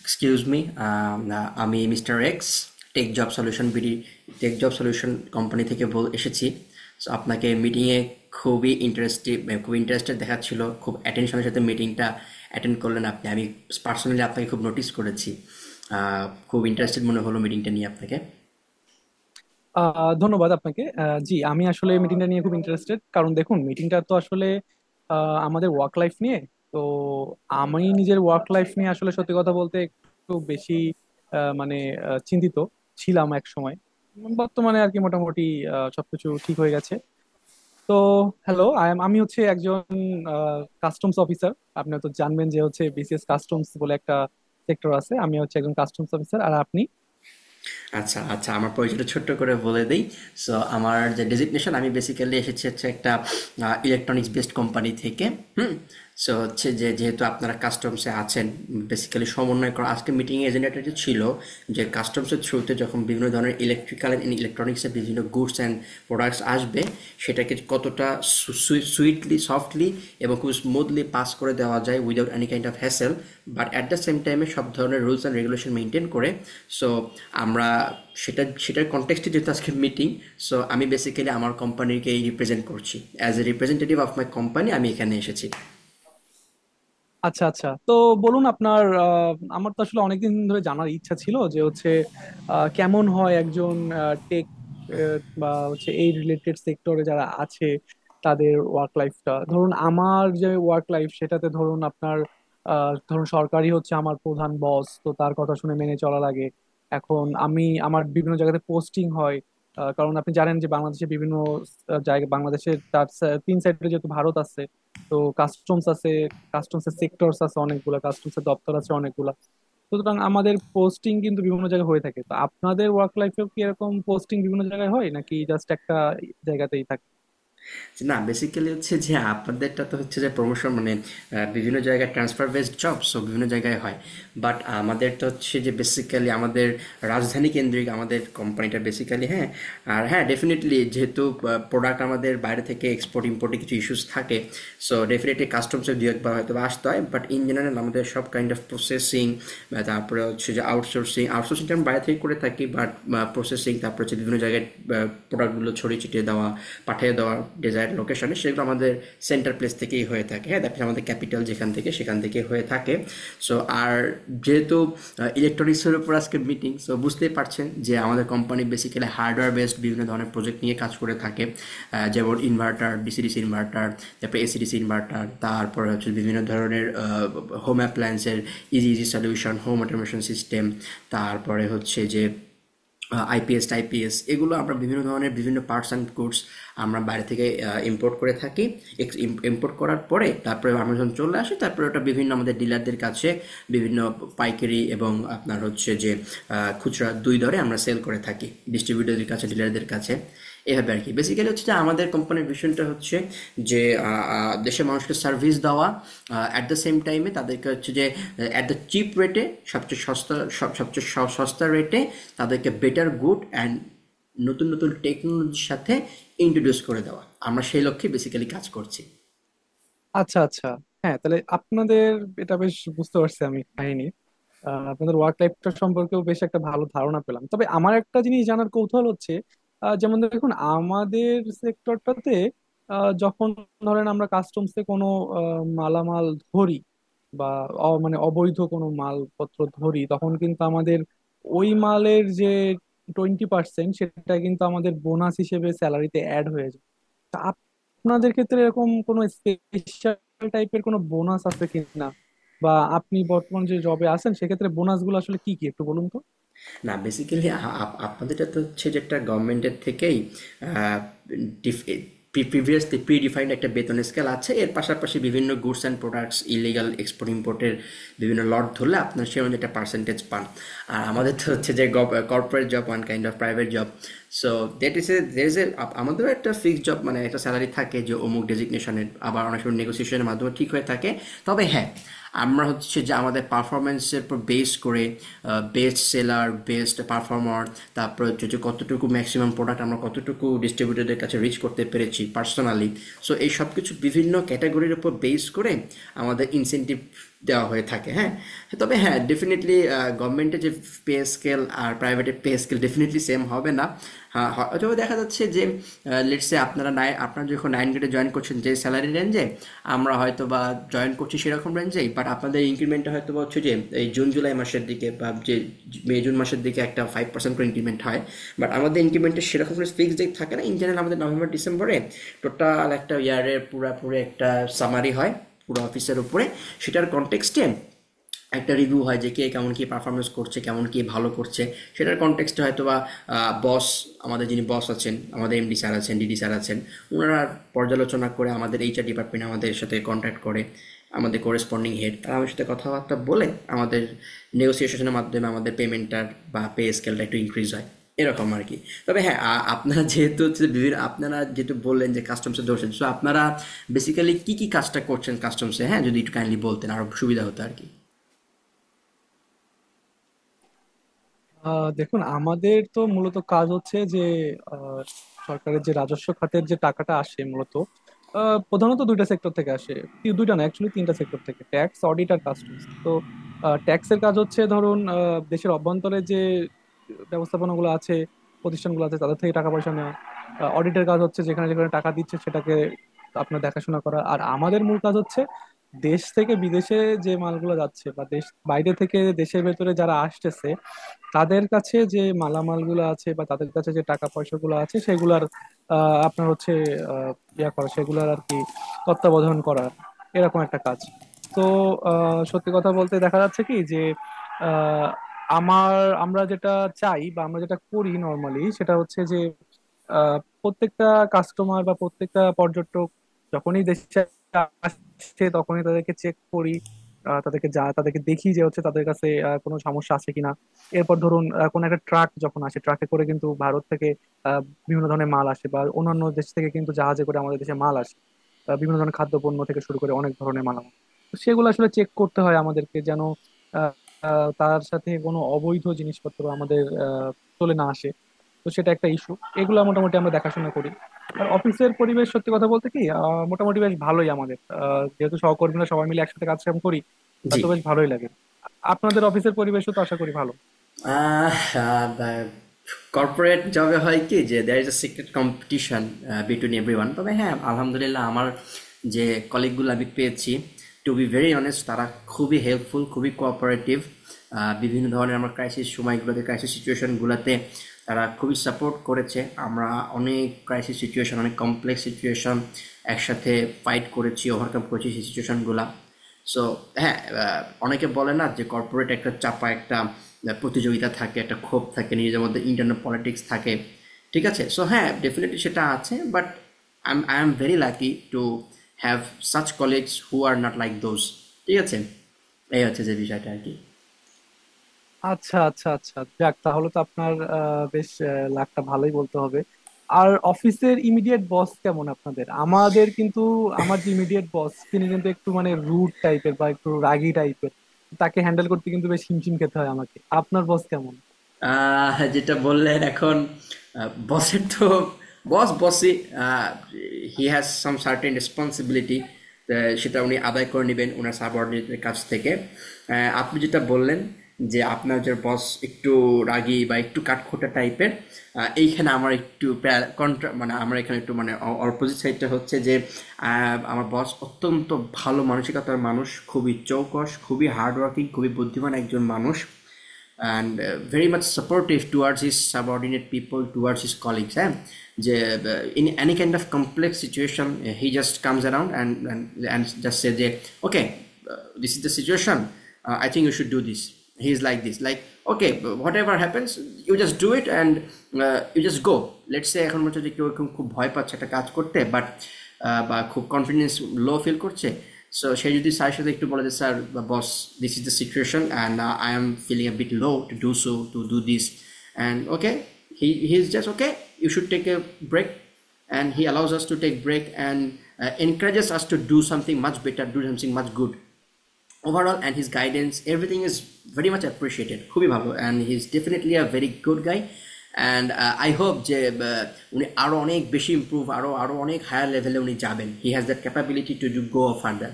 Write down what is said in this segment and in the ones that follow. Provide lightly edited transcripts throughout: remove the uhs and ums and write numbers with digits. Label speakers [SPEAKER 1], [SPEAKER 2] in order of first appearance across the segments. [SPEAKER 1] Excuse me, আমি mister X. Tech job solution BD tech job solution company থেকে বল এসেছি। সো আপনাকে মিটিংয়ে খুবই ইন্টারেস্টিভ খুব ইন্টারেস্টেড দেখাচ্ছিল, খুব অ্যাটেনশনের সাথে মিটিংটা অ্যাটেন্ড করলেন। আমি পার্সোনালি আপনাকে খুব নোটিস করেছি। আহ, খুব ইন্টারেস্টেড মনে হলো মিটিংটা নিয়ে আপনাকে।
[SPEAKER 2] ধন্যবাদ আপনাকে। জি, আমি আসলে মিটিংটা নিয়ে খুব ইন্টারেস্টেড, কারণ দেখুন মিটিংটা তো আসলে আমাদের ওয়ার্ক লাইফ নিয়ে। তো আমি নিজের ওয়ার্ক লাইফ নিয়ে আসলে সত্যি কথা বলতে একটু বেশি আহ, মানে চিন্তিত ছিলাম এক সময়। বর্তমানে আর কি মোটামুটি সবকিছু ঠিক হয়ে গেছে। তো, হ্যালো, আমি হচ্ছে একজন কাস্টমস অফিসার। আপনি তো জানবেন যে হচ্ছে বিসিএস কাস্টমস বলে একটা সেক্টর আছে। আমি হচ্ছে একজন কাস্টমস অফিসার, আর আপনি?
[SPEAKER 1] আচ্ছা, আচ্ছা, আমার পরিচয়টা ছোট্ট করে বলে দেই। সো আমার যে ডেজিগনেশন, আমি বেসিক্যালি এসেছি হচ্ছে একটা ইলেকট্রনিক্স বেসড কোম্পানি থেকে। হুম? সো হচ্ছে যে, যেহেতু আপনারা কাস্টমসে আছেন, বেসিক্যালি সমন্বয় করা, আজকে মিটিংয়ে এজেন্ডাটা যে ছিল যে কাস্টমসের থ্রুতে যখন বিভিন্ন ধরনের ইলেকট্রিক্যাল অ্যান্ড ইলেকট্রনিক্সের বিভিন্ন গুডস অ্যান্ড প্রোডাক্টস আসবে, সেটাকে কতটা সুইটলি, সফটলি এবং খুব স্মুথলি পাস করে দেওয়া যায় without any kind of hassle, but at the same টাইমে সব ধরনের রুলস অ্যান্ড রেগুলেশন মেনটেন করে। সো আমরা, সেটার কনটেক্সটে যেহেতু আজকে মিটিং, সো আমি বেসিক্যালি আমার কোম্পানিকেই রিপ্রেজেন্ট করছি। As a representative of my company আমি এখানে এসেছি।
[SPEAKER 2] আচ্ছা আচ্ছা, তো বলুন আপনার। আমার তো আসলে অনেকদিন ধরে জানার ইচ্ছা ছিল যে হচ্ছে কেমন হয় একজন টেক বা হচ্ছে এই রিলেটেড সেক্টরে যারা আছে তাদের ওয়ার্ক লাইফটা। ধরুন আমার যে ওয়ার্ক লাইফ, সেটাতে ধরুন আপনার ধরুন, সরকারি হচ্ছে আমার প্রধান বস, তো তার কথা শুনে মেনে চলা লাগে। এখন আমি আমার বিভিন্ন জায়গাতে পোস্টিং হয়। কারণ আপনি জানেন যে বাংলাদেশে বিভিন্ন জায়গা, বাংলাদেশের তিন সাইডে যেহেতু ভারত আছে, তো কাস্টমস আছে, কাস্টমসের সেক্টরস আছে অনেকগুলা, কাস্টমসের দপ্তর আছে অনেকগুলা। সুতরাং আমাদের পোস্টিং কিন্তু বিভিন্ন জায়গায় হয়ে থাকে। তো আপনাদের ওয়ার্ক লাইফেও কি এরকম পোস্টিং বিভিন্ন জায়গায় হয় নাকি জাস্ট একটা জায়গাতেই থাকে?
[SPEAKER 1] যে না, বেসিক্যালি হচ্ছে যে আপনাদেরটা তো হচ্ছে যে প্রমোশন মানে বিভিন্ন জায়গায় ট্রান্সফার বেসড জব, সো বিভিন্ন জায়গায় হয়। বাট আমাদেরটা হচ্ছে যে বেসিক্যালি আমাদের রাজধানী কেন্দ্রিক, আমাদের কোম্পানিটা বেসিক্যালি, হ্যাঁ। আর হ্যাঁ ডেফিনেটলি যেহেতু প্রোডাক্ট আমাদের বাইরে থেকে এক্সপোর্ট ইম্পোর্টে কিছু ইস্যুস থাকে, সো ডেফিনেটলি কাস্টমসের দু একবার হয়তো বা আসতে হয়। বাট ইন জেনারেল আমাদের সব কাইন্ড অফ প্রসেসিং, তারপরে হচ্ছে যে out আউটসোর্সিং আউটসোর্সিংটা আমি বাইরে থেকে করে থাকি। বাট প্রসেসিং, তারপর হচ্ছে বিভিন্ন জায়গায় প্রোডাক্টগুলো ছড়িয়ে ছিটিয়ে দেওয়া, পাঠিয়ে দেওয়া ডিজায়ার লোকেশনে, সেগুলো আমাদের সেন্টার প্লেস থেকেই হয়ে থাকে। হ্যাঁ, দ্যাট আমাদের ক্যাপিটাল, যেখান থেকে সেখান থেকে হয়ে থাকে। সো আর যেহেতু ইলেকট্রনিক্সের উপর আজকে মিটিং, সো বুঝতেই পারছেন যে আমাদের কোম্পানি বেসিক্যালি হার্ডওয়্যার বেসড বিভিন্ন ধরনের প্রজেক্ট নিয়ে কাজ করে থাকে। যেমন ইনভার্টার, ডিসি ডিসি ইনভার্টার, তারপরে এসিডিসি ইনভার্টার, তারপরে হচ্ছে বিভিন্ন ধরনের হোম অ্যাপ্লায়েন্সের easy easy solution, home automation system, তারপরে হচ্ছে যে আইপিএস টাইপিএস। এগুলো আমরা বিভিন্ন ধরনের, বিভিন্ন পার্টস অ্যান্ড গুডস আমরা বাইরে থেকে ইম্পোর্ট করে থাকি। ইম্পোর্ট করার পরে তারপরে আমরা যখন চলে আসি, তারপরে ওটা বিভিন্ন আমাদের ডিলারদের কাছে, বিভিন্ন পাইকারি এবং আপনার হচ্ছে যে খুচরা, দুই দরে আমরা সেল করে থাকি, ডিস্ট্রিবিউটরদের কাছে, ডিলারদের কাছে। এভাবে আর কি, বেসিক্যালি হচ্ছে যে আমাদের কোম্পানির ভিশনটা হচ্ছে যে আহ, আহ, দেশের মানুষকে সার্ভিস দেওয়া, অ্যাট দ্য সেম টাইমে তাদেরকে হচ্ছে যে অ্যাট দ্য চিপ রেটে, সবচেয়ে সস্তা, সস্তা রেটে তাদেরকে বেটার গুড অ্যান্ড নতুন নতুন টেকনোলজির সাথে ইন্ট্রোডিউস করে দেওয়া। আমরা সেই লক্ষ্যে বেসিক্যালি কাজ করছি।
[SPEAKER 2] আচ্ছা আচ্ছা। হ্যাঁ, তাহলে আপনাদের এটা বেশ বুঝতে পারছি আমি, কাহিনী। আপনাদের ওয়ার্ক লাইফটা সম্পর্কেও বেশ একটা ভালো ধারণা পেলাম। তবে আমার একটা জিনিস জানার কৌতূহল হচ্ছে। যেমন দেখুন, আমাদের সেক্টরটাতে যখন ধরেন আমরা কাস্টমসে কোনো মালামাল ধরি, বা মানে অবৈধ কোনো মালপত্র ধরি, তখন কিন্তু আমাদের ওই মালের যে 20% সেটা কিন্তু আমাদের বোনাস হিসেবে স্যালারিতে অ্যাড হয়ে যায়। তা আপ- আপনাদের ক্ষেত্রে এরকম কোনো স্পেশাল টাইপের কোনো বোনাস আছে কিনা, বা আপনি বর্তমান যে জবে আছেন সেক্ষেত্রে বোনাস গুলো আসলে কি কি একটু বলুন তো।
[SPEAKER 1] না বেসিক্যালি আপনাদের তো হচ্ছে যে একটা গভর্নমেন্টের থেকেই প্রিভিয়াসলি প্রি ডিফাইন্ড একটা বেতন স্কেল আছে, এর পাশাপাশি বিভিন্ন goods and products illegal export ইম্পোর্টের বিভিন্ন লট ধরলে আপনার সে অনুযায়ী একটা পার্সেন্টেজ পান। আর আমাদের তো হচ্ছে যে corporate job, one kind of private job. So that is a there is a, আমাদেরও একটা ফিক্সড জব মানে একটা স্যালারি থাকে যে অমুক ডেজিগনেশনের, আবার অনেক সময় নেগোসিয়েশনের মাধ্যমে ঠিক হয়ে থাকে। তবে হ্যাঁ, আমরা হচ্ছে যে আমাদের পারফরমেন্সের উপর বেস করে বেস্ট সেলার, বেস্ট পারফর্মার, তারপর হচ্ছে যে কতটুকু ম্যাক্সিমাম প্রোডাক্ট আমরা কতটুকু ডিস্ট্রিবিউটরদের কাছে রিচ করতে পেরেছি পার্সোনালি, সো এই সব কিছু বিভিন্ন ক্যাটাগরির উপর বেস করে আমাদের ইনসেনটিভ দেওয়া হয়ে থাকে। হ্যাঁ। তবে হ্যাঁ ডেফিনেটলি গভর্নমেন্টের যে পে স্কেল আর প্রাইভেটের পে স্কেল ডেফিনেটলি সেম হবে না। হ্যাঁ, হয়তো দেখা যাচ্ছে যে লেটসে আপনার যে যখন নাইন গ্রেডে জয়েন করছেন যে স্যালারি রেঞ্জে, আমরা হয়তো বা জয়েন করছি সেরকম রেঞ্জেই। বাট আপনাদের ইনক্রিমেন্টটা হয়তো বা হচ্ছে যে এই জুন জুলাই মাসের দিকে বা যে মে জুন মাসের দিকে একটা 5% করে ইনক্রিমেন্ট হয়। বাট আমাদের ইনক্রিমেন্টের সেরকম কোনো ফিক্স ডেট থাকে না, ইন জেনারেল আমাদের নভেম্বর ডিসেম্বরে টোটাল একটা ইয়ারের পুরাপুরি একটা সামারি হয় পুরো অফিসের উপরে, সেটার কনটেক্সটে একটা রিভিউ হয় যে কে কেমন কি পারফরমেন্স করছে, কেমন কি ভালো করছে। সেটার কনটেক্সটে হয়তো বা বস, আমাদের যিনি বস আছেন, আমাদের এমডি স্যার আছেন, ডিডি স্যার আছেন, ওনারা পর্যালোচনা করে আমাদের এইচআর ডিপার্টমেন্ট আমাদের সাথে কন্ট্যাক্ট করে, আমাদের করেসপন্ডিং হেড তারা আমার সাথে কথাবার্তা বলে, আমাদের নেগোসিয়েশনের মাধ্যমে আমাদের পেমেন্টটার বা পে স্কেলটা একটু ইনক্রিজ হয়। এরকম আর কি। তবে হ্যাঁ, আপনারা যেহেতু হচ্ছে বিভিন্ন, আপনারা যেহেতু বললেন যে কাস্টমসে ধরছেন, সো আপনারা বেসিক্যালি কি কি কাজটা করছেন কাস্টমসে, হ্যাঁ যদি একটু কাইন্ডলি বলতেন আরো সুবিধা হতো আর কি।
[SPEAKER 2] দেখুন, আমাদের তো মূলত কাজ হচ্ছে যে আহ, সরকারের যে রাজস্ব খাতের যে টাকাটা আসে, মূলত প্রধানত দুইটা সেক্টর থেকে আসে। দুইটা না, অ্যাকচুয়ালি তিনটা সেক্টর থেকে: ট্যাক্স, অডিট আর কাস্টমস। তো ট্যাক্সের কাজ হচ্ছে, ধরুন দেশের অভ্যন্তরে যে ব্যবস্থাপনাগুলো আছে, প্রতিষ্ঠানগুলো আছে, তাদের থেকে টাকা পয়সা নেওয়া। অডিটের কাজ হচ্ছে যেখানে যেখানে টাকা দিচ্ছে সেটাকে আপনার দেখাশোনা করা। আর আমাদের মূল কাজ হচ্ছে দেশ থেকে বিদেশে যে মালগুলো যাচ্ছে, বা দেশ বাইরে থেকে দেশের ভেতরে যারা আসতেছে, তাদের কাছে যে মালামালগুলো আছে বা তাদের কাছে যে টাকা পয়সাগুলো আছে সেগুলার আহ, আপনার হচ্ছে আহ, ইয়া করা সেগুলার আর কি, তত্ত্বাবধান করার এরকম একটা কাজ। তো সত্যি কথা বলতে দেখা যাচ্ছে কি যে আহ, আমার আমরা যেটা চাই বা আমরা যেটা করি নর্মালি, সেটা হচ্ছে যে আহ, প্রত্যেকটা কাস্টমার বা প্রত্যেকটা পর্যটক যখনই দেশে আসছে তখনই তাদেরকে চেক করি। তাদেরকে যা তাদেরকে দেখি যে হচ্ছে তাদের কাছে কোনো সমস্যা আছে কিনা। এরপর ধরুন কোনো একটা ট্রাক যখন আসে, ট্রাকে করে কিন্তু ভারত থেকে আহ, বিভিন্ন ধরনের মাল আসে, বা অন্যান্য দেশ থেকে কিন্তু জাহাজে করে আমাদের দেশে মাল আসে। বিভিন্ন ধরনের খাদ্যপণ্য থেকে শুরু করে অনেক ধরনের মালামাল। তো সেগুলো আসলে চেক করতে হয় আমাদেরকে, যেন আহ, আহ, তার সাথে কোনো অবৈধ জিনিসপত্র আমাদের চলে না আসে। তো সেটা একটা ইস্যু, এগুলো মোটামুটি আমরা দেখাশোনা করি। আর অফিসের পরিবেশ সত্যি কথা বলতে কি মোটামুটি বেশ ভালোই আমাদের, যেহেতু সহকর্মীরা সবাই মিলে একসাথে কাজ কাম করি,
[SPEAKER 1] জি।
[SPEAKER 2] তো বেশ ভালোই লাগে। আপনাদের অফিসের পরিবেশও তো আশা করি ভালো।
[SPEAKER 1] আহ আ বা কর্পোরেট জবে হয় কি যে there is a secret competition between everyone. তবে হ্যাঁ, আলহামদুলিল্লাহ, আমার যে কলিগগুলো আমি পেয়েছি, to be very honest, তারা খুবই হেল্পফুল, খুবই cooperative, বিভিন্ন ধরনের আমার ক্রাইসিস সিচুয়েশনগুলোতে তারা খুবই সাপোর্ট করেছে। আমরা অনেক ক্রাইসিস সিচুয়েশন, অনেক কমপ্লেক্স সিচুয়েশন একসাথে ফাইট করেছি, ওভারকাম করেছি সেই সিচুয়েশনগুলা। সো হ্যাঁ, অনেকে বলে না যে কর্পোরেট একটা চাপা একটা প্রতিযোগিতা থাকে, একটা ক্ষোভ থাকে, নিজেদের মধ্যে ইন্টারনাল পলিটিক্স থাকে। ঠিক আছে, সো হ্যাঁ ডেফিনেটলি সেটা আছে, but I am very lucky to have such colleagues who are not like those. ঠিক আছে, এই হচ্ছে যে বিষয়টা আর কি।
[SPEAKER 2] আচ্ছা আচ্ছা আচ্ছা, যাক তাহলে তো আপনার বেশ লাকটা ভালোই বলতে হবে। আর অফিসের ইমিডিয়েট বস কেমন আপনাদের? আমাদের কিন্তু, আমার যে ইমিডিয়েট বস, তিনি কিন্তু একটু মানে রুড টাইপের বা একটু রাগী টাইপের। তাকে হ্যান্ডেল করতে কিন্তু বেশ হিমশিম খেতে হয় আমাকে। আপনার বস কেমন?
[SPEAKER 1] যেটা বললেন এখন, বসের তো, বস বসই। He has some certain responsibility, সেটা উনি আদায় করে নেবেন ওনার সাবঅর্ডিনেটের কাছ থেকে। আপনি যেটা বললেন যে আপনার যে বস একটু রাগী বা একটু কাঠখোট্টা টাইপের, এইখানে আমার একটু কন্ট্রা মানে আমার এখানে একটু মানে অপোজিট সাইডটা হচ্ছে যে আমার বস অত্যন্ত ভালো মানসিকতার মানুষ, খুবই চৌকস, খুবই হার্ডওয়ার্কিং, খুবই বুদ্ধিমান একজন মানুষ। And very much supportive towards his subordinate people, towards his colleagues, eh? যে, in any kind of complex situation, he just comes around and just says, yeah, okay. uh, This is the situation. I think you should do this. He's like this, like, okay, but whatever happens, you just do it, and you just go. Let's say এখন মনে হচ্ছে যে কেউ এরকম খুব ভয় পাচ্ছে একটা কাজ করতে, বাট খুব কনফিডেন্স লো ফিল করছে। সো সে যদি স্যারের সাথে একটু বলে যে স্যার বা boss, this is the situation and I am feeling a bit low to do so, to do this and okay, he he is just okay, you should take a break. And he allows us to take break and encourages us to do something much better, do something much good overall. And his guidance, everything is very much appreciated, খুবই ভালো। And he is definitely a very good guy. And I hope যে উনি আরও অনেক বেশি improve, আরও আরও অনেক হায়ার লেভেলে উনি যাবেন। He has that capability to go further.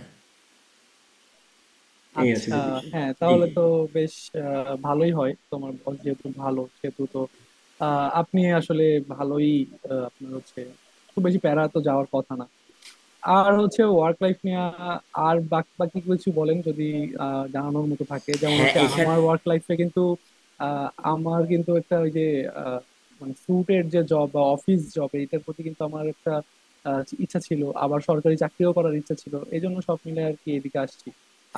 [SPEAKER 1] এই হচ্ছে
[SPEAKER 2] আচ্ছা।
[SPEAKER 1] যে বিষয়।
[SPEAKER 2] হ্যাঁ,
[SPEAKER 1] জি
[SPEAKER 2] তাহলে
[SPEAKER 1] জি
[SPEAKER 2] তো
[SPEAKER 1] জি।
[SPEAKER 2] বেশ ভালোই হয়। তোমার বস যেহেতু ভালো, সেহেতু তো আপনি আসলে ভালোই। আপনার হচ্ছে খুব বেশি প্যারা তো যাওয়ার কথা না। আর হচ্ছে ওয়ার্ক লাইফ নিয়ে আর বাকি বাকি কিছু বলেন যদি জানানোর মতো থাকে। যেমন
[SPEAKER 1] হ্যাঁ
[SPEAKER 2] হচ্ছে
[SPEAKER 1] এখানে।
[SPEAKER 2] আমার ওয়ার্ক লাইফে কিন্তু আহ, আমার কিন্তু একটা ওই যে আহ, মানে স্যুটের যে জব বা অফিস জব এটার প্রতি কিন্তু আমার একটা ইচ্ছা ছিল, আবার সরকারি চাকরিও করার ইচ্ছা ছিল, এই জন্য সব মিলে আর কি এদিকে আসছি।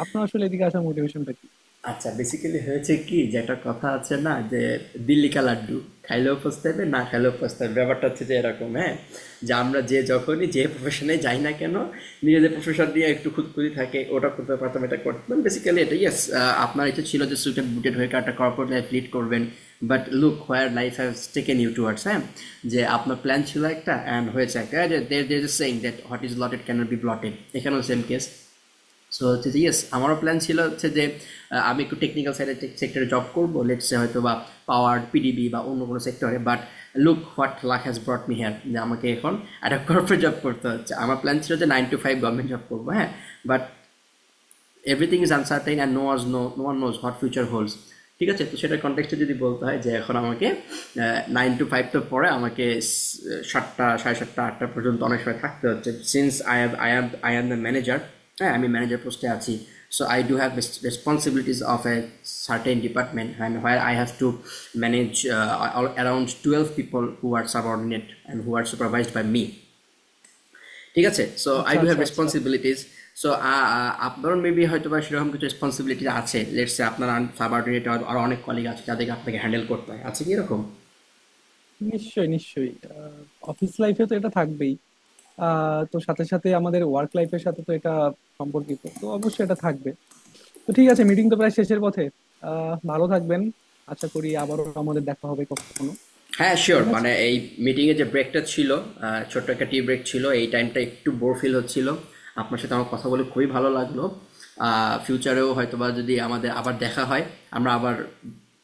[SPEAKER 2] আপনার আসলে এদিকে আসার মোটিভেশনটা কি?
[SPEAKER 1] আচ্ছা, বেসিক্যালি হয়েছে কি যে একটা কথা আছে না যে দিল্লি কা লাড্ডু, খাইলেও পস্তাবে, না খাইলেও পস্তাবে। ব্যাপারটা হচ্ছে যে এরকম, হ্যাঁ। যে আমরা যে যখনই যে প্রফেশনে যাই না কেন, নিজেদের প্রফেশন দিয়ে একটু খুঁতখুঁতি থাকে, ওটা করতে পারতাম, এটা করতাম। বেসিক্যালি এটা ইয়েস, আপনার ইচ্ছা ছিল যে সুইটেড বুটেড হয়ে একটা কর্পোরেট লাইফ লিড করবেন, but look where life has taken you towards, হ্যাঁ। যে আপনার প্ল্যান ছিল একটা অ্যান্ড হয়েছে একটা। দের দের is saying that what is allotted can be blotted. এখানেও সেম কেস। সো হচ্ছে যে ইয়েস, আমারও প্ল্যান ছিল হচ্ছে যে আমি একটু টেকনিক্যাল সাইডের সেক্টরে জব করবো, লেটসে হয়তো বা পাওয়ার পিডিবি বা অন্য কোনো সেক্টরে। But look what luck has brought me here, যে আমাকে এখন একটা কর্পোরেট জব করতে হচ্ছে। আমার প্ল্যান ছিল যে 9 to 5 গভর্নমেন্ট জব করবো, হ্যাঁ। But everything is uncertain and no was no no one knows what future holds. ঠিক আছে। তো সেটার কনটেক্সটে যদি বলতে হয় যে এখন আমাকে 9 to 5, তো পরে আমাকে স- সাতটা, সাড়ে সাতটা, আটটা পর্যন্ত অনেক সময় থাকতে হচ্ছে। Since I am the manager, হ্যাঁ আমি ম্যানেজার পোস্টে আছি। So I do have responsibilities of a certain department and where I have to manage around 12 people who are subordinate and who are supervised by me. ঠিক আছে, so I
[SPEAKER 2] আচ্ছা
[SPEAKER 1] do have
[SPEAKER 2] আচ্ছা আচ্ছা।
[SPEAKER 1] Responsibilities. So আপনার maybe হয়তো বা সেরকম কিছু রেসপন্সিবিলিটি আছে, লেটস সে আপনার সাবার্ডিনেট আর অনেক কলিগ আছে যাদেরকে আপনাকে হ্যান্ডেল করতে হয়, আছে কি এরকম?
[SPEAKER 2] নিশ্চয়ই নিশ্চয়ই, অফিস লাইফে তো এটা থাকবেই। তো সাথে সাথে আমাদের ওয়ার্ক লাইফের সাথে তো এটা সম্পর্কিত, তো অবশ্যই এটা থাকবে। তো ঠিক আছে, মিটিং তো প্রায় শেষের পথে। ভালো থাকবেন, আশা করি আবারও আমাদের দেখা হবে কখনো।
[SPEAKER 1] হ্যাঁ শিওর,
[SPEAKER 2] ঠিক আছে।
[SPEAKER 1] মানে এই মিটিংয়ে যে ব্রেকটা ছিল, ছোট্ট একটা টি ব্রেক ছিল, এই টাইমটা একটু বোর ফিল হচ্ছিল, আপনার সাথে আমার কথা বলে খুবই ভালো লাগলো। ফিউচারেও হয়তোবা যদি আমাদের আবার দেখা হয়, আমরা আবার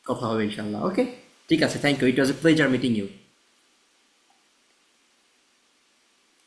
[SPEAKER 1] কথা হবে, ইনশাল্লাহ। ওকে, ঠিক আছে। Thank you, it was a pleasure meeting you.